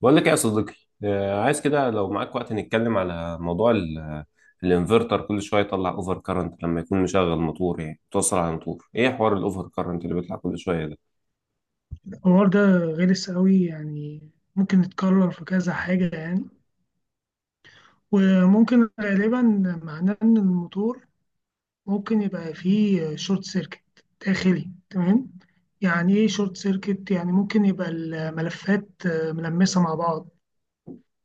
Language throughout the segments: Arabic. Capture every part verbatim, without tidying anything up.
بقول لك إيه يا صديقي. آه، عايز كده لو معاك وقت نتكلم على موضوع ال- الانفرتر. كل شويه يطلع اوفر كارنت لما يكون مشغل موتور، يعني توصل على موتور. ايه حوار الاوفر كارنت اللي بيطلع كل شويه ده؟ الحوار ده غلس قوي يعني، ممكن يتكرر في كذا حاجة يعني، وممكن غالبا معناه إن الموتور ممكن يبقى فيه شورت سيركت داخلي. تمام، يعني إيه شورت سيركت؟ يعني ممكن يبقى الملفات آه، ملمسة مع بعض،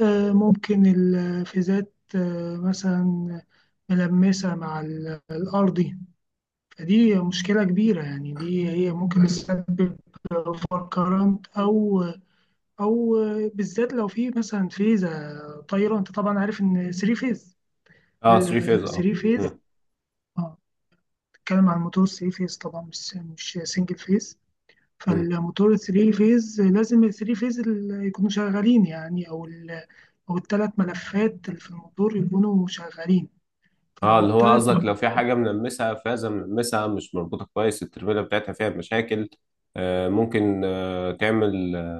آه، ممكن الفيزات آه، مثلا ملمسة مع ال- الأرضي. فدي مشكلة كبيرة يعني، دي هي ممكن تسبب اوفر كارنت أو او بالذات لو في مثلا فيزا طايره. انت طبعا عارف ان 3 فيز. اه، ثلاثة فيز، ال اه. 3 فيز، مم. اه، بتتكلم عن موتور 3 فيز طبعا، مش مش سنجل فيز. مم. فالموتور 3 فيز لازم ال 3 فيز ال- يكونوا شغالين يعني، او ال او الثلاث ملفات اللي في الموتور يكونوا شغالين. اه، فلو اللي هو الثلاث، قصدك لو في حاجه منمسها، فازه منمسها مش مربوطه كويس، الترميله بتاعتها فيها مشاكل؟ آه ممكن، آه تعمل آه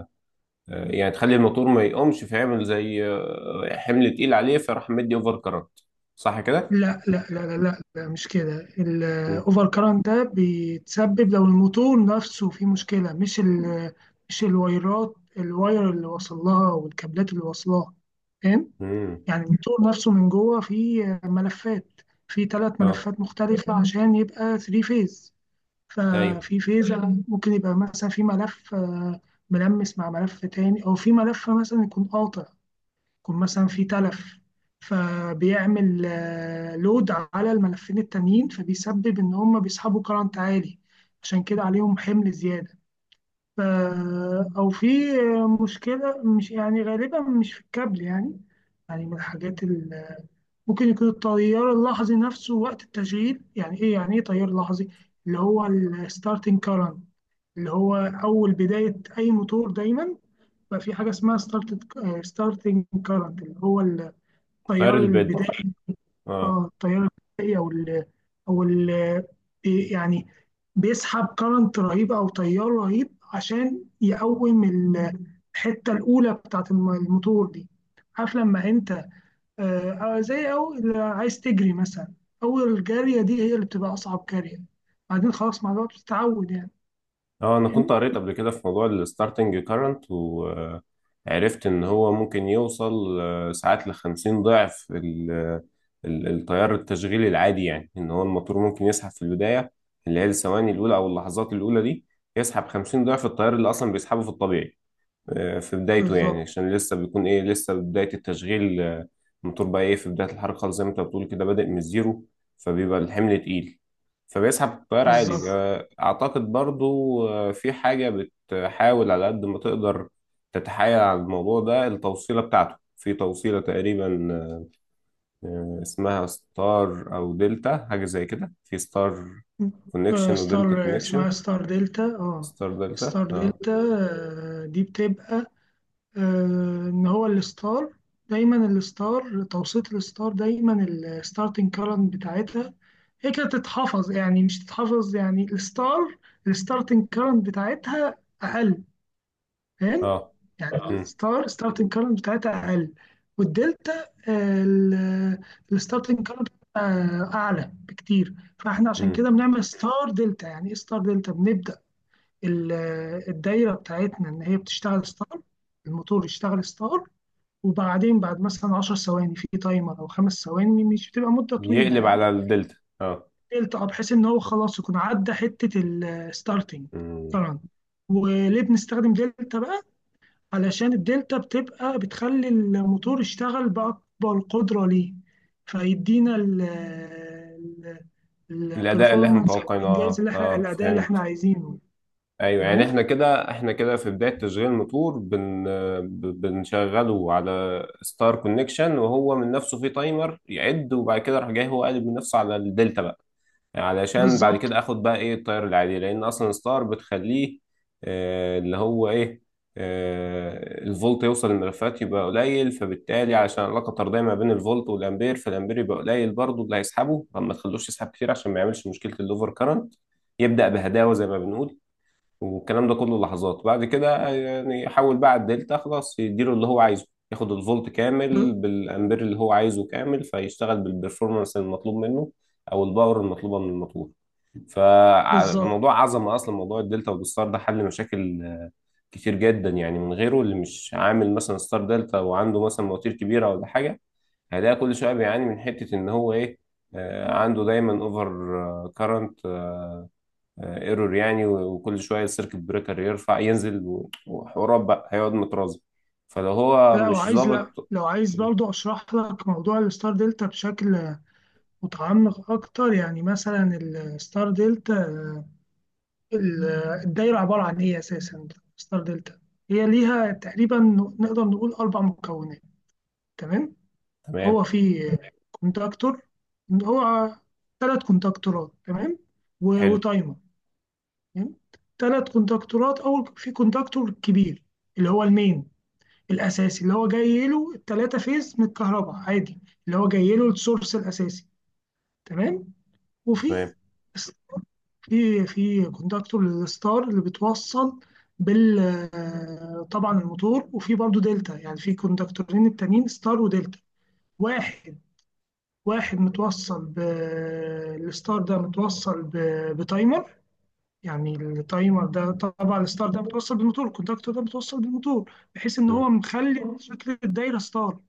يعني تخلي الموتور ما يقومش، فيعمل زي آه حمل تقيل عليه، فراح مدي اوفر كارنت. صح كده؟ لا لا لا لا لا, لا مش كده. مم. الاوفر كارنت ده بيتسبب لو الموتور نفسه فيه مشكلة، مش ال مش الوايرات، الواير اللي وصل لها والكابلات اللي وصلها، فاهم؟ مم. يعني الموتور نفسه من جوه فيه ملفات، فيه ثلاث اه. ملفات مختلفة، مم، عشان يبقى 3 فيز. ايوه، ففي فيز مم ممكن يبقى مثلا في ملف آه، ملمس مع ملف تاني، او في ملف مثلا يكون قاطع، يكون مثلا في تلف، فبيعمل آه، لود على الملفين التانيين، فبيسبب ان هم بيسحبوا كرنت عالي، عشان كده عليهم حمل زيادة. ف- او في مشكلة مش يعني غالبا مش في الكابل يعني. يعني من الحاجات ال- ممكن يكون التيار اللحظي نفسه وقت التشغيل. يعني ايه يعني ايه تيار لحظي؟ اللي هو الستارتنج كارنت، اللي هو اول بداية اي موتور دايما بقى في حاجة اسمها ستارت، ستارتنج كارنت، اللي هو ال غير التيار البدء، البدائي. اه. اه، التيار البدائي، او ال او ال بي- يعني بيسحب كرنت رهيب او تيار رهيب عشان يقوم ال- الحته الاولى بتاعت الم- الموتور دي. عارف لما انت آه، آه، زي او اللي عايز تجري مثلا، اول جاريه دي هي اللي بتبقى اصعب جاريه، بعدين خلاص مع الوقت بتتعود يعني، اه، انا كنت فاهم؟ قريت قبل كده في موضوع الستارتنج كارنت، وعرفت ان هو ممكن يوصل آه، ساعات لخمسين ضعف ال- ال- التيار التشغيلي العادي، يعني ان هو الموتور ممكن يسحب في البداية، اللي هي الثواني الاولى او اللحظات الاولى دي، يسحب خمسين ضعف التيار اللي اصلا بيسحبه في الطبيعي آه، في بدايته، يعني بالظبط عشان لسه بيكون ايه، لسه بداية التشغيل. آه، الموتور بقى ايه، في بداية الحركة خالص، زي ما انت بتقول كده بادئ من الزيرو، فبيبقى الحمل تقيل، فبيسحب التيار عالي. بالظبط. آه، اعتقد برضو آه، في حاجة بتحاول على قد ما تقدر تتحايل على الموضوع ده. التوصيلة بتاعته في توصيلة تقريبا آه، اسمها ستار او دلتا، حاجة زي كده، في ستار آه كونكشن ستار، ودلتا اسمها كونكشن. ستار دلتا. اه ستار دلتا، ستار اه، دلتا. آه دي بتبقى آه، ان هو الستار، دايما الستار، توسيط الستار، دايما الستارتنج كارنت بتاعتها هي كده تتحفظ يعني، مش تتحفظ يعني الستار، الستارتنج كارنت بتاعتها اقل، فاهم؟ اه. يعني آه. مم. الستار ستارتنج كارنت بتاعتها اقل، والدلتا الستارتنج كارنت اعلى بكتير. فاحنا عشان مم. كده بنعمل ستار دلتا. يعني ايه ستار دلتا؟ بنبدا ال- الدايره بتاعتنا ان هي بتشتغل ستار، الموتور يشتغل ستار، وبعدين بعد مثلا 10 ثواني في تايمر او خمس ثواني، مش بتبقى مده طويله يقلب على يعني، الدلتا، اه. التقى بحيث ان هو خلاص يكون عدى حته الستارتنج. مم. طبعا وليه بنستخدم دلتا بقى؟ علشان الدلتا بتبقى بتخلي الموتور يشتغل باكبر قدره ليه، فيدينا الاداء اللي احنا البرفورمانس او متوقعينه، الانجاز اه، اللي احنا اه، الاداء اللي احنا فهمت. عايزينه. ايوه، يعني تمام احنا كده، احنا كده في بدايه تشغيل الموتور بن ب- بنشغله على ستار كونكشن، وهو من نفسه في تايمر يعد، وبعد كده راح جاي هو قالب من نفسه على الدلتا بقى، علشان بعد كده بالظبط. اخد بقى ايه التيار العادي، لان اصلا ستار بتخليه آه، اللي هو ايه، آه، الفولت يوصل للملفات يبقى قليل، فبالتالي علشان العلاقه الطرديه ما بين الفولت والامبير، فالامبير يبقى قليل برضه اللي هيسحبه، فما تخلوش يسحب كتير عشان ما يعملش مشكله الاوفر كارنت. يبدا بهداوه زي ما بنقول. والكلام ده كله لحظات. بعد كده يعني حول بقى على الدلتا خلاص، يديله اللي هو عايزه، ياخد الفولت كامل ب- بالامبير اللي هو عايزه كامل، فيشتغل بالبرفورمانس المطلوب منه او الباور المطلوبه من الموتور. بالظبط. فموضوع عظمه اصلا موضوع الدلتا والستار ده، حل مشاكل آه، كتير جدا، يعني من غيره اللي مش عامل مثلا ستار دلتا وعنده مثلا مواتير كبيره ولا حاجه، هيلاقي كل شويه بيعاني من حته ان هو ايه، آه، عنده دايما اوفر كارنت ايرور، يعني و- وكل شويه السيركت بريكر يرفع ينزل، و- وحوارات بقى هيقعد مترازم، فلو هو لا مش وعايز، لا ظابط. لو عايز برضه اشرح لك موضوع الستار دلتا بشكل متعمق أكتر. يعني مثلا الستار دلتا، ال- الدايرة عبارة عن إيه أساسا؟ ستار دلتا هي ليها تقريبا، نقدر نقول أربع مكونات. تمام، تمام. هو في كونتاكتور، هو ثلاث كونتاكتورات، تمام، و- حلو. وتايمر. تمام، ثلاث كونتاكتورات. أول في كونتاكتور كبير اللي هو المين الأساسي، اللي هو جاي له الثلاثة فيز من الكهرباء عادي، اللي هو جاي له السورس الأساسي، تمام. وفي تمام. في في كونتاكتور للستار اللي بتوصل بال آه، طبعا الموتور، وفي برضو دلتا يعني، في كونتاكتورين التانيين ستار ودلتا. واحد واحد متوصل ب الستار، ده متوصل ب... بتايمر، يعني التايمر ده طبعا الستار ده متوصل بالموتور، الكونتاكتور ده متوصل بالموتور بحيث ان مم. هو مخلي شكل الدايره ستار.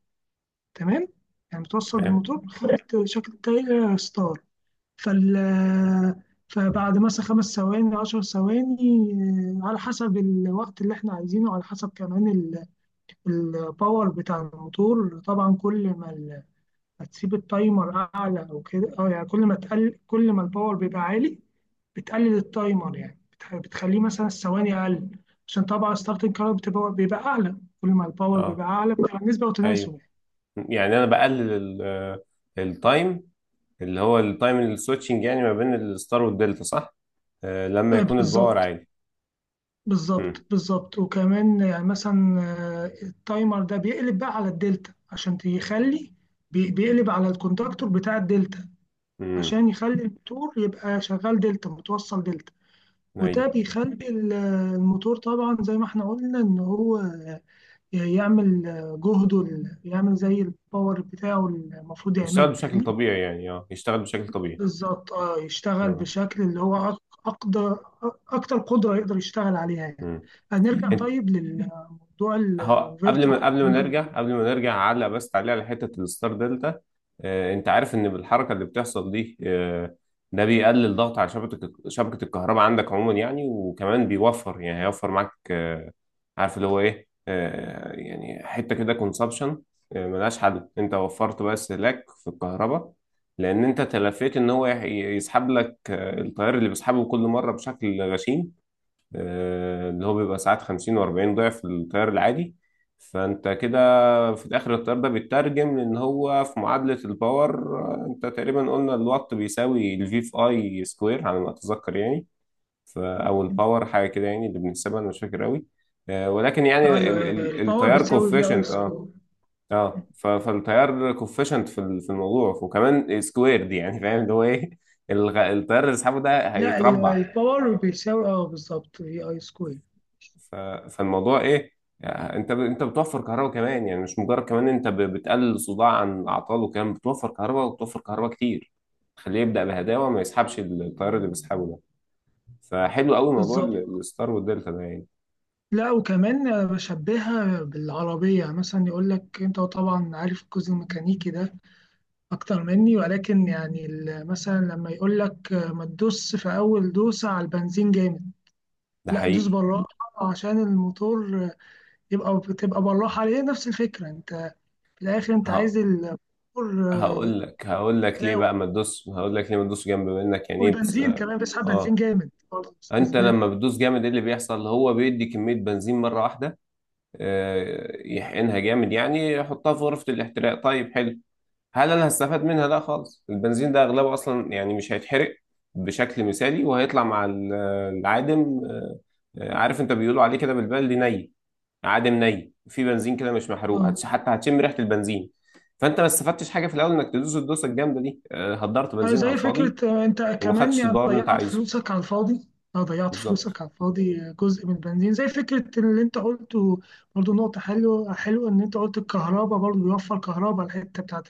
تمام، يعني متوصل تمام. بالموتور مخلي شكل الدايره ستار. فال فبعد مثلا خمس ثواني عشر ثواني، آه، على حسب الوقت اللي احنا عايزينه، على حسب كمان الباور بتاع الموتور. طبعا كل ما ال- ما تسيب التايمر اعلى او كده اه، يعني كل ما تقل، كل ما الباور بيبقى عالي، بتقلل التايمر، يعني بتح- بتخليه مثلا الثواني اقل، عشان طبعا ستارتنج كارت بتبقى بيبقى اعلى، كل ما الباور بيبقى اه. اعلى بتبقى النسبه وتناسب ايوه، يعني. يعني انا بقلل التايم، اللي هو التايم السويتشنج، يعني ما بين الستار والدلتا. صح؟ آه، لما آه، يكون الباور بالظبط. عالي. مم. بالظبط بالظبط، وكمان يعني مثلا آه، التايمر ده بيقلب بقى على الدلتا عشان يخلي، بي- بيقلب على الكونتاكتور بتاع الدلتا مم. عشان يخلي الموتور يبقى شغال دلتا، متوصل دلتا، وده ايوه. بيخلي ال- الموتور طبعا زي ما احنا قلنا ان هو يعمل جهده، ال- يعمل زي الباور بتاعه المفروض يشتغل يعمله بشكل يعني. طبيعي، يعني اه يشتغل بشكل طبيعي. بالظبط، اه يشتغل مم. بشكل اللي هو أق- أقدر أكتر قدرة يقدر يشتغل عليها يعني. هنرجع مم. طيب للموضوع هو قبل ما قبل ما نرجع الفيرتوال. قبل ما نرجع على بس، تعليق على حته الستار دلتا. آه، انت عارف ان بالحركه اللي بتحصل دي آه، ده بيقلل ضغط على شبكه شبكه الكهرباء عندك عموما، يعني وكمان بيوفر، يعني هيوفر معاك آه، عارف اللي هو ايه، آه، يعني حته كده كونسبشن ملهاش حل. انت وفرت بس لك في الكهرباء، لان انت تلفيت ان هو يح- يسحب لك آه، التيار اللي بيسحبه كل مره بشكل غشيم آه، اللي هو بيبقى ساعات خمسين و40 ضعف التيار العادي. فانت كده في الاخر التيار ده بيترجم، لان هو في معادلة الباور آه، انت تقريبا قلنا الوات بيساوي الفي في اي سكوير على ما اتذكر، يعني ف- او الباور حاجة كده يعني اللي بنحسبها، انا مش فاكر قوي آه، ولكن يعني ايوه، ال- أيوة، ال- الباور التيار بتساوي في اي كوفيشنت، اه. سكوير. اه، ف- فالتيار كوفيشنت في ال- في الموضوع وكمان سكوير دي، يعني فاهم اللي هو ايه، الغ- التيار اللي سحبه ده لا ال- هيتربع. الباور بيساوي اه بالظبط في اي سكوير. ف- فالموضوع ايه، يعني انت ب... انت بتوفر كهرباء كمان، يعني مش مجرد كمان، انت ب... بتقلل صداع عن الاعطال وكمان بتوفر كهرباء، وبتوفر كهرباء كتير. خليه يبدأ بهداوة، ما يسحبش التيار اللي بيسحبه ده. فحلو قوي موضوع بالظبط. ال- الستار والدلتا ده يعني. لا وكمان بشبهها بالعربية مثلا، يقول لك انت طبعا عارف الجزء الميكانيكي ده اكتر مني، ولكن يعني ال- مثلا لما يقول لك ما تدوس في اول دوسة على البنزين جامد، ده لا دوس حقيقي. بالراحة عشان الموتور يبقى بتبقى بالراحة عليه. نفس الفكرة، انت في الآخر انت ه... عايز الموتور آه، هقول لك هقول لك ليه أداء. بقى ما تدوس، هقول لك ليه ما تدوس جنب منك، يعني ايه بتس... والبنزين كمان بيسحب بنزين اه، جامد برضه، مش انت أسباب. لما بتدوس جامد ايه اللي بيحصل، هو بيدي كمية بنزين مرة واحدة، آه، يحقنها جامد، يعني يحطها في غرفة الاحتراق. طيب حلو، هل انا هستفاد منها؟ لا خالص. البنزين ده اغلبه اصلا يعني مش هيتحرق بشكل مثالي، وهيطلع مع ال- العادم. آه، آه، عارف انت بيقولوا عليه كده بالبلدي ني، عادم ني في بنزين كده مش محروق، آه. هتش- حتى هتشم ريحه البنزين. فانت ما استفدتش حاجه في الاول انك تدوس الدوسه الجامده دي، آه، هدرت آه، بنزين على زي فكرة، الفاضي، آه، انت وما كمان خدتش يعني الباور اللي انت ضيعت عايزه. فلوسك على الفاضي. اه ضيعت بالظبط. فلوسك على الفاضي، آه، جزء من البنزين زي فكرة اللي انت قلته. برضه نقطة حلوة حلوة ان انت قلت الكهرباء، برضه بيوفر كهرباء الحتة بتاعت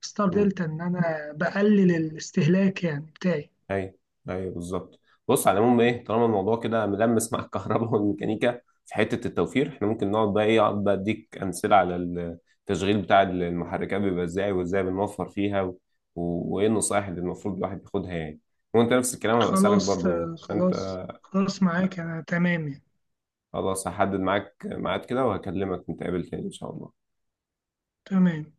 ستار دلتا ان انا بقلل الاستهلاك يعني بتاعي. ايوه. ايوه، بالظبط. بص، على العموم ايه، طالما الموضوع كده ملمس مع الكهرباء والميكانيكا، في حته التوفير احنا ممكن نقعد بقى ايه، اقعد بقى اديك امثله على التشغيل بتاع المحركات بيبقى ازاي، وازاي بنوفر فيها، و... و... وايه النصائح اللي المفروض الواحد ياخدها يعني. وانت نفس الكلام هبقى اسالك خلاص برضو يعني آه، فانت. خلاص خلاص، معاك أنا تمام يعني. خلاص هحدد معاك ميعاد كده وهكلمك نتقابل تاني ان شاء الله. تمام.